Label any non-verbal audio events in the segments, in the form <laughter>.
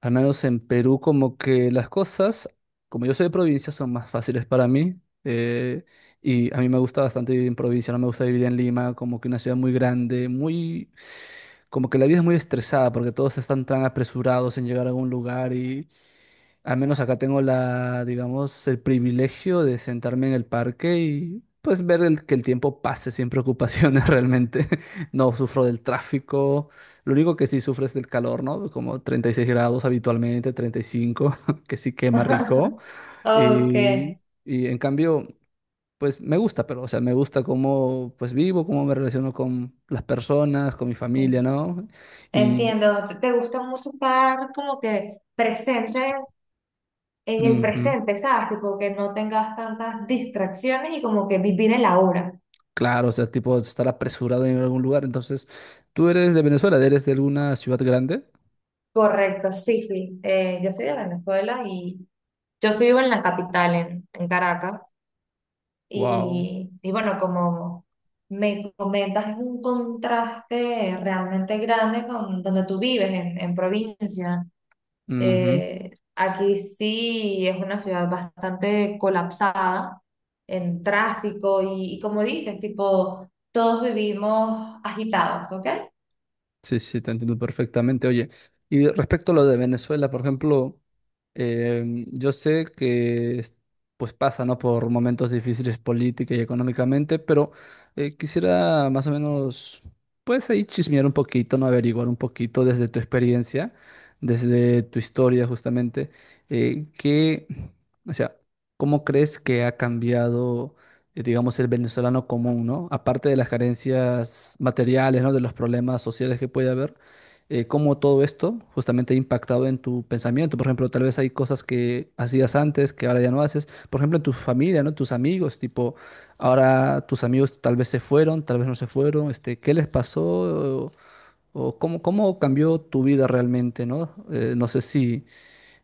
Al menos en Perú, como que las cosas, como yo soy de provincia, son más fáciles para mí. Y a mí me gusta bastante vivir en provincia, no me gusta vivir en Lima, como que una ciudad muy grande, muy... Como que la vida es muy estresada porque todos están tan apresurados en llegar a algún lugar. Al menos acá tengo la, digamos, el privilegio de sentarme en el parque y pues ver que el tiempo pase sin preocupaciones <laughs> realmente. No sufro del tráfico. Lo único que sí sufro es del calor, ¿no? Como 36 grados habitualmente, 35, <laughs> que sí quema rico. <laughs> Y, Okay, y en cambio, pues me gusta, pero, o sea, me gusta cómo pues vivo, cómo me relaciono con las personas, con mi familia, ¿no? Y... entiendo. Te gusta mucho estar como que presente en el Ujú. presente, ¿sabes? Tipo que no tengas tantas distracciones y como que vivir el ahora. Claro, o sea, tipo estar apresurado en algún lugar. Entonces, tú eres de Venezuela, eres de alguna ciudad grande. Correcto, sí, sí. Yo soy de Venezuela y yo sí vivo en la capital, en Caracas. Wow. Y bueno, como me comentas, es un contraste realmente grande con donde tú vives, en provincia. Aquí sí es una ciudad bastante colapsada en tráfico y como dices, tipo, todos vivimos agitados, ¿ok? Sí, sí, te entiendo perfectamente. Oye, y respecto a lo de Venezuela, por ejemplo, yo sé pues pasa, ¿no? Por momentos difíciles política y económicamente, pero quisiera más o menos, pues ahí chismear un poquito, ¿no? Averiguar un poquito desde tu experiencia, desde tu historia justamente, eh, qué, o sea, ¿cómo crees que ha cambiado? Digamos, el venezolano común, ¿no? Aparte de las carencias materiales, ¿no? De los problemas sociales que puede haber, cómo todo esto justamente ha impactado en tu pensamiento. Por ejemplo, tal vez hay cosas que hacías antes que ahora ya no haces. Por ejemplo, en tu familia, ¿no? Tus amigos, tipo, ahora tus amigos tal vez se fueron, tal vez no se fueron, este, ¿qué les pasó? O cómo, cómo cambió tu vida realmente, ¿no? No sé si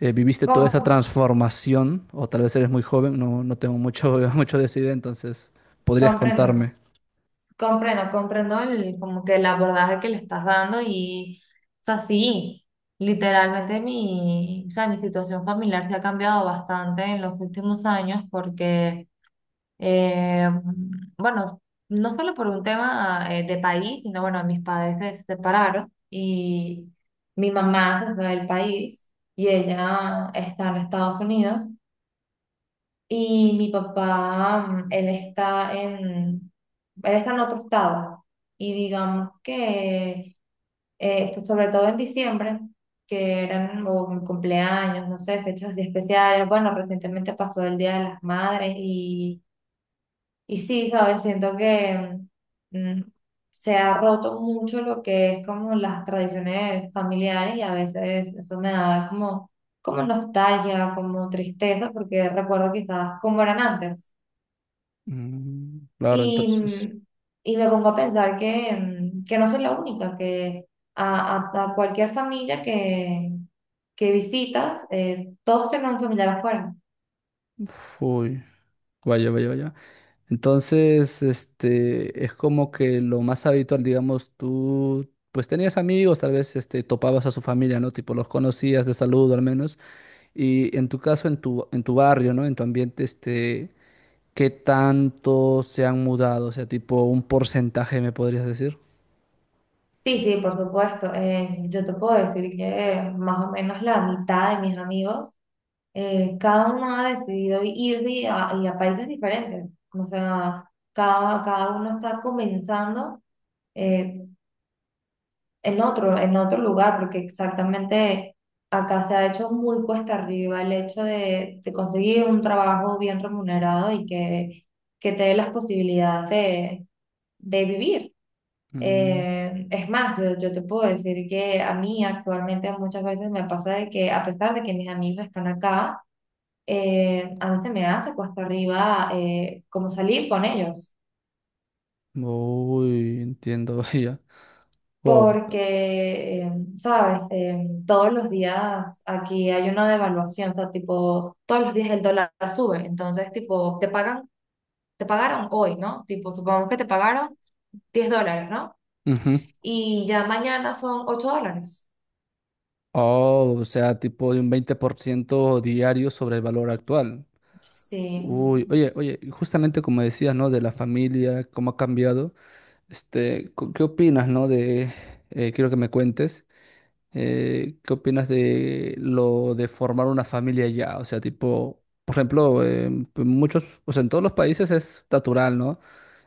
viviste toda esa Com- transformación, o tal vez eres muy joven, no, no tengo mucho, <laughs> mucho de esa idea, entonces podrías comprendo, contarme. comprendo, comprendo el, como que el abordaje que le estás dando o sea, sí, literalmente o sea, mi situación familiar se ha cambiado bastante en los últimos años porque... Eh, bueno, no solo por un tema de país, sino bueno, mis padres se separaron y mi mamá se fue del país y ella está en Estados Unidos y mi papá, él está en otro estado y digamos que, pues, sobre todo en diciembre, que eran o mi cumpleaños, no sé, fechas así especiales, bueno, recientemente pasó el Día de las Madres y sí, ¿sabes? Siento que mm, se ha roto mucho lo que es como las tradiciones familiares y a veces eso me da como, como nostalgia, como tristeza, porque recuerdo quizás cómo eran antes. Mm, claro, Y, entonces, mm, y me pongo a pensar que, que no soy la única, que a cualquier familia que visitas, todos tienen un familiar afuera. uy, vaya, vaya, vaya. Entonces, este, es como que lo más habitual, digamos, tú, pues tenías amigos, tal vez, este, topabas a su familia, ¿no? Tipo, los conocías de saludo al menos, y en tu caso, en tu barrio, ¿no? En tu ambiente, este, ¿qué tanto se han mudado? O sea, tipo, un porcentaje, ¿me podrías decir? Sí, sí, por supuesto. Yo te puedo decir que más o menos la mitad de mis amigos, cada uno ha decidido irse y a países diferentes. O sea, cada uno está comenzando eh, en otro lugar, porque exactamente acá se ha hecho muy cuesta arriba el hecho de conseguir un trabajo bien remunerado y que te dé las posibilidades de vivir. Mm, Es más, yo te puedo decir que a mí actualmente muchas veces me pasa de que a pesar de que mis amigos están acá, a mí se me hace cuesta arriba como salir con ellos, uy, entiendo <laughs> ya. Wow. porque, sabes, todos los días aquí hay una devaluación, o sea, tipo, todos los días el dólar sube, entonces, tipo, te pagan, te pagaron hoy, ¿no? Tipo, supongamos que te pagaron $10, ¿no? Ujú. Y ya mañana son $8. Oh, o sea, tipo de un 20% diario sobre el valor actual. Sí. Uy, oye, oye, y justamente como decías, ¿no? De la familia, cómo ha cambiado. Este, ¿qué opinas, no? De, quiero que me cuentes, ¿qué opinas de lo de formar una familia ya? O sea, tipo, por ejemplo, muchos, o sea, en todos los países es natural, ¿no?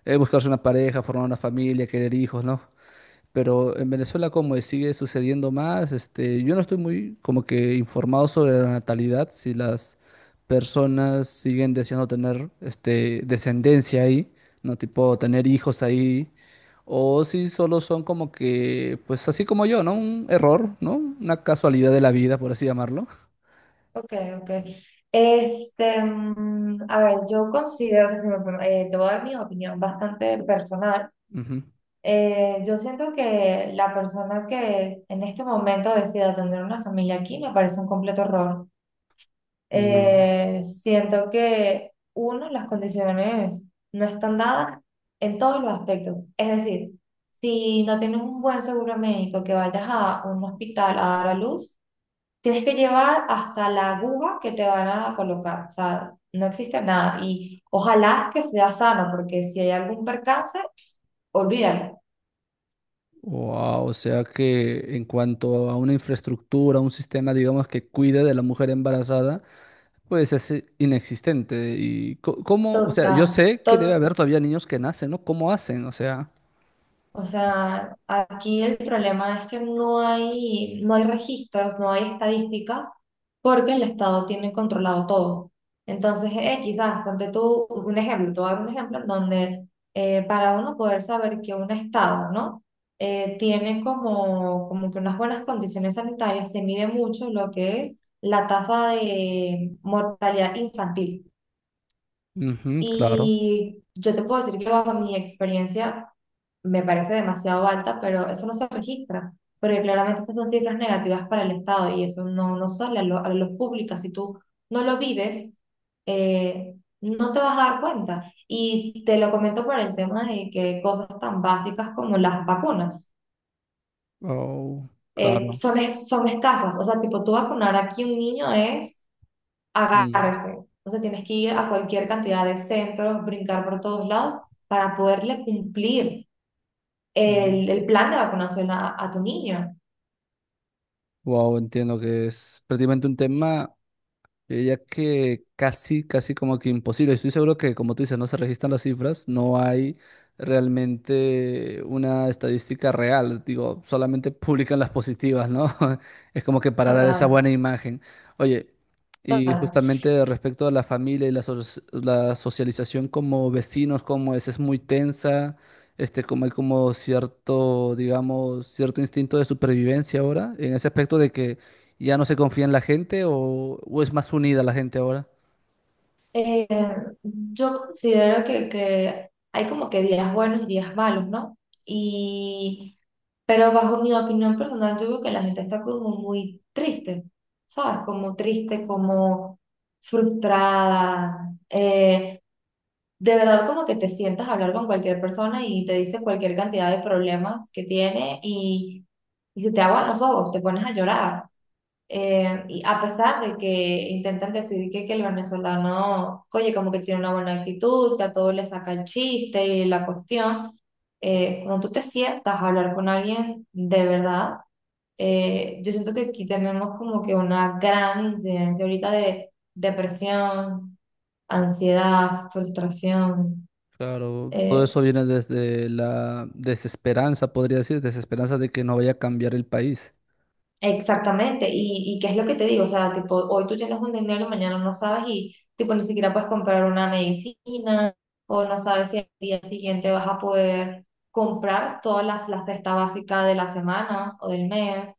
Buscarse una pareja, formar una familia, querer hijos, ¿no? Pero en Venezuela, ¿cómo es? ¿Sigue sucediendo más? Este, yo no estoy muy como que informado sobre la natalidad, si las personas siguen deseando tener este, descendencia ahí, ¿no? Tipo tener hijos ahí, o si solo son como que, pues así como yo, ¿no? Un error, ¿no? Una casualidad de la vida, por así llamarlo. Ok, ok. Este, a ver, yo considero, o sea, si me pregun- te voy a dar mi opinión bastante personal. Ujú. Yo siento que la persona que en este momento decida tener una familia aquí me parece un completo error. Uh, Siento que, uno, las condiciones no están dadas en todos los aspectos. Es decir, si no tienes un buen seguro médico que vayas a un hospital a dar a luz, tienes que llevar hasta la aguja que te van a colocar, o sea, no existe nada. Y ojalá que sea sano, porque si hay algún percance, olvídalo. wow, o sea que en cuanto a una infraestructura, un sistema, digamos, que cuide de la mujer embarazada, pues es inexistente. ¿Y cómo? O sea, yo Total, sé que debe haber todavía niños que nacen, ¿no? ¿Cómo hacen? O sea, o sea, aquí el problema es que no hay registros, no hay estadísticas, porque el Estado tiene controlado todo. Entonces, quizás, ponte tú un ejemplo, te voy a dar un ejemplo en donde para uno poder saber que un Estado, ¿no? Tiene como, como que unas buenas condiciones sanitarias, se mide mucho lo que es la tasa de mortalidad infantil. ujú, claro. Y yo te puedo decir que bajo mi experiencia me parece demasiado alta, pero eso no se registra, porque claramente estas son cifras negativas para el Estado y eso no, no sale a, lo, a la luz pública. Si tú no lo vives, eh, no te vas a dar cuenta. Y te lo comento por el tema de que cosas tan básicas como las vacunas Oh, claro. Son escasas. O sea, tipo, tú vacunar aquí un niño es Mm, agárrese. Entonces tienes que ir a cualquier cantidad de centros, brincar por todos lados para poderle cumplir mm. El plan de vacunación a tu niño. Wow, entiendo que es prácticamente un tema. Yo diría que casi, casi como que imposible. Estoy seguro que, como tú dices, no se registran las cifras, no hay realmente una estadística real. Digo, solamente <laughs> publican las positivas, ¿no? <laughs> Es como que para dar esa buena Total, imagen. Oye, y total. justamente respecto a la familia y la, la socialización como vecinos, como es muy tensa. Este, como hay como cierto, digamos, cierto instinto de supervivencia ahora, en ese aspecto de que ¿ya no se confía en la gente o es más unida la gente ahora? Eh, yo considero que hay como que días buenos y días malos, ¿no? Y, pero bajo mi opinión personal, yo veo que la gente está como muy triste, ¿sabes? Como triste, como frustrada. De verdad como que te sientas a hablar con cualquier persona y te dice cualquier cantidad de problemas que tiene y se te aguan los ojos, te pones a llorar. Y a pesar de que intentan decir que el venezolano, oye, como que tiene una buena actitud, que a todos le saca el chiste y la cuestión, cuando tú te sientas a hablar con alguien de verdad, yo siento que aquí tenemos como que una gran incidencia ahorita de depresión, ansiedad, frustración. Claro, todo Eh, eso viene desde la desesperanza, podría decir, desesperanza de que no vaya a cambiar el país. Exactamente, y qué es lo que te digo, o sea, tipo, hoy tú tienes un dinero, mañana no sabes y tipo ni siquiera puedes comprar una medicina o no sabes si el día siguiente vas a poder comprar la cesta básica de la semana o del mes,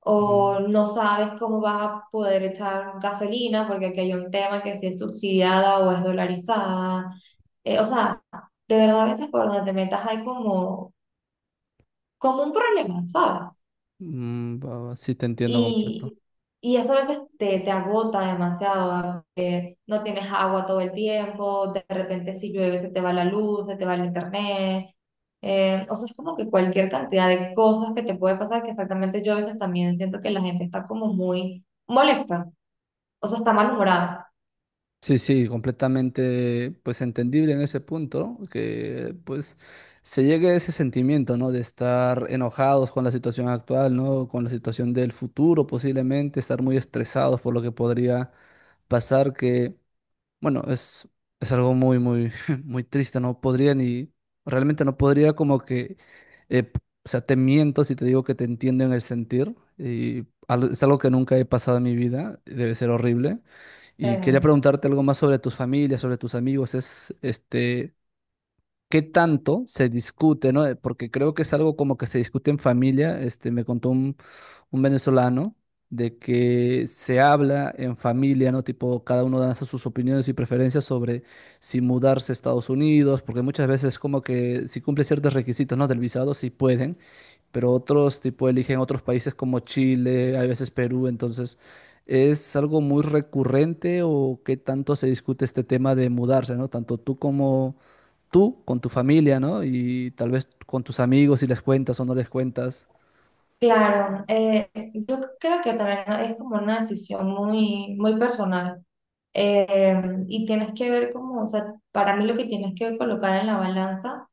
o Mm, no sabes cómo vas a poder echar gasolina porque aquí hay un tema que si es subsidiada o es dolarizada, o sea, de verdad a veces por donde te metas hay como, como un problema, ¿sabes? mm, va, va, sí, te entiendo completo. Y, y eso a veces te, te agota demasiado. No tienes agua todo el tiempo, de repente si llueve se te va la luz, se te va el internet. O sea, es como que cualquier cantidad de cosas que te puede pasar, que exactamente yo a veces también siento que la gente está como muy molesta, o sea, está malhumorada. Sí, sí, completamente pues entendible en ese punto, que pues se llegue a ese sentimiento, ¿no? De estar enojados con la situación actual, ¿no? Con la situación del futuro posiblemente, estar muy estresados por lo que podría pasar, que bueno, es algo muy, muy, <laughs> muy triste, no podría ni, realmente no podría como que, eh, p- o sea, te miento si te digo que te entiendo en el sentir, y es algo que nunca he pasado en mi vida, debe ser horrible. Y quería Eh, preguntarte algo más sobre tus familias, sobre tus amigos, es, este, qué tanto se discute, ¿no? Porque creo que es algo como que se discute en familia. Este, un venezolano de que se habla en familia, ¿no? Tipo, cada uno da sus opiniones y preferencias sobre si mudarse a Estados Unidos, porque muchas veces como que si cumple ciertos requisitos, ¿no? Del visado, sí pueden, pero otros tipo eligen otros países como Chile, a veces Perú, entonces... ¿Es algo muy recurrente o qué tanto se discute este tema de mudarse, ¿no? Tanto tú como tú con tu familia, ¿no? Y tal vez con tus amigos si les cuentas o no les cuentas. claro, yo creo que también es como una decisión muy, muy personal. Eh, y tienes que ver como, o sea, para mí lo que tienes que colocar en la balanza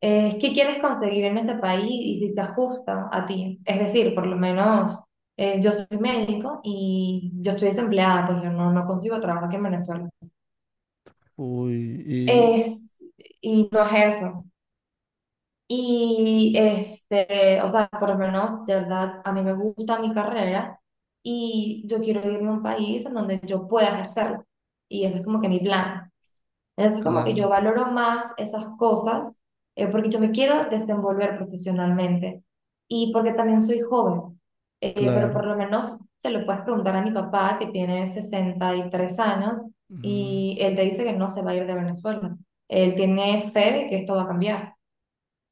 es qué quieres conseguir en ese país y si se ajusta a ti. Es decir, por lo menos yo soy médico y yo estoy desempleada, pues yo no consigo trabajo aquí en Venezuela. Uy, y Es, y no ejerzo. Y este, o sea, por lo menos, de verdad, a mí me gusta mi carrera y yo quiero irme a un país en donde yo pueda ejercerlo. Y ese es como que mi plan. Entonces, como que yo claro, valoro más esas cosas porque yo me quiero desenvolver profesionalmente y porque también soy joven. Pero por claro. lo menos se lo puedes preguntar a mi papá que tiene 63 años Ujú. y él te dice que no se va a ir de Venezuela. Él tiene fe de que esto va a cambiar.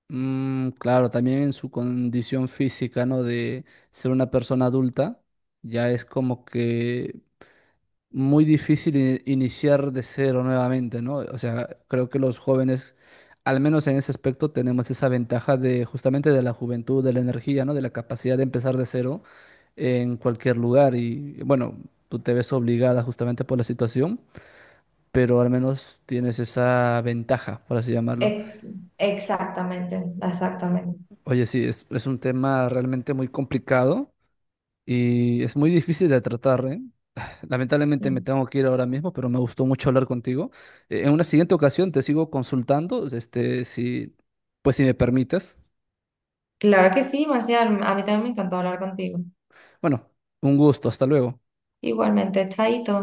Mm, claro, también en su condición física, ¿no? De ser una persona adulta, ya es como que muy difícil iniciar de cero nuevamente, ¿no? O sea, creo que los jóvenes, al menos en ese aspecto, tenemos esa ventaja de justamente de la juventud, de la energía, ¿no? De la capacidad de empezar de cero en cualquier lugar y bueno, tú te ves obligada justamente por la situación, pero al menos tienes esa ventaja, por así llamarlo. Ex- Exactamente, exactamente. Oye, sí, es un tema realmente muy complicado y es muy difícil de tratar, ¿eh? Lamentablemente me Mm. tengo que ir ahora mismo, pero me gustó mucho hablar contigo. En una siguiente ocasión te sigo consultando, este, si, pues si me permites. Claro que sí, Marcial, a mí también me encantó hablar contigo. Bueno, un gusto, hasta luego. Igualmente, chaito.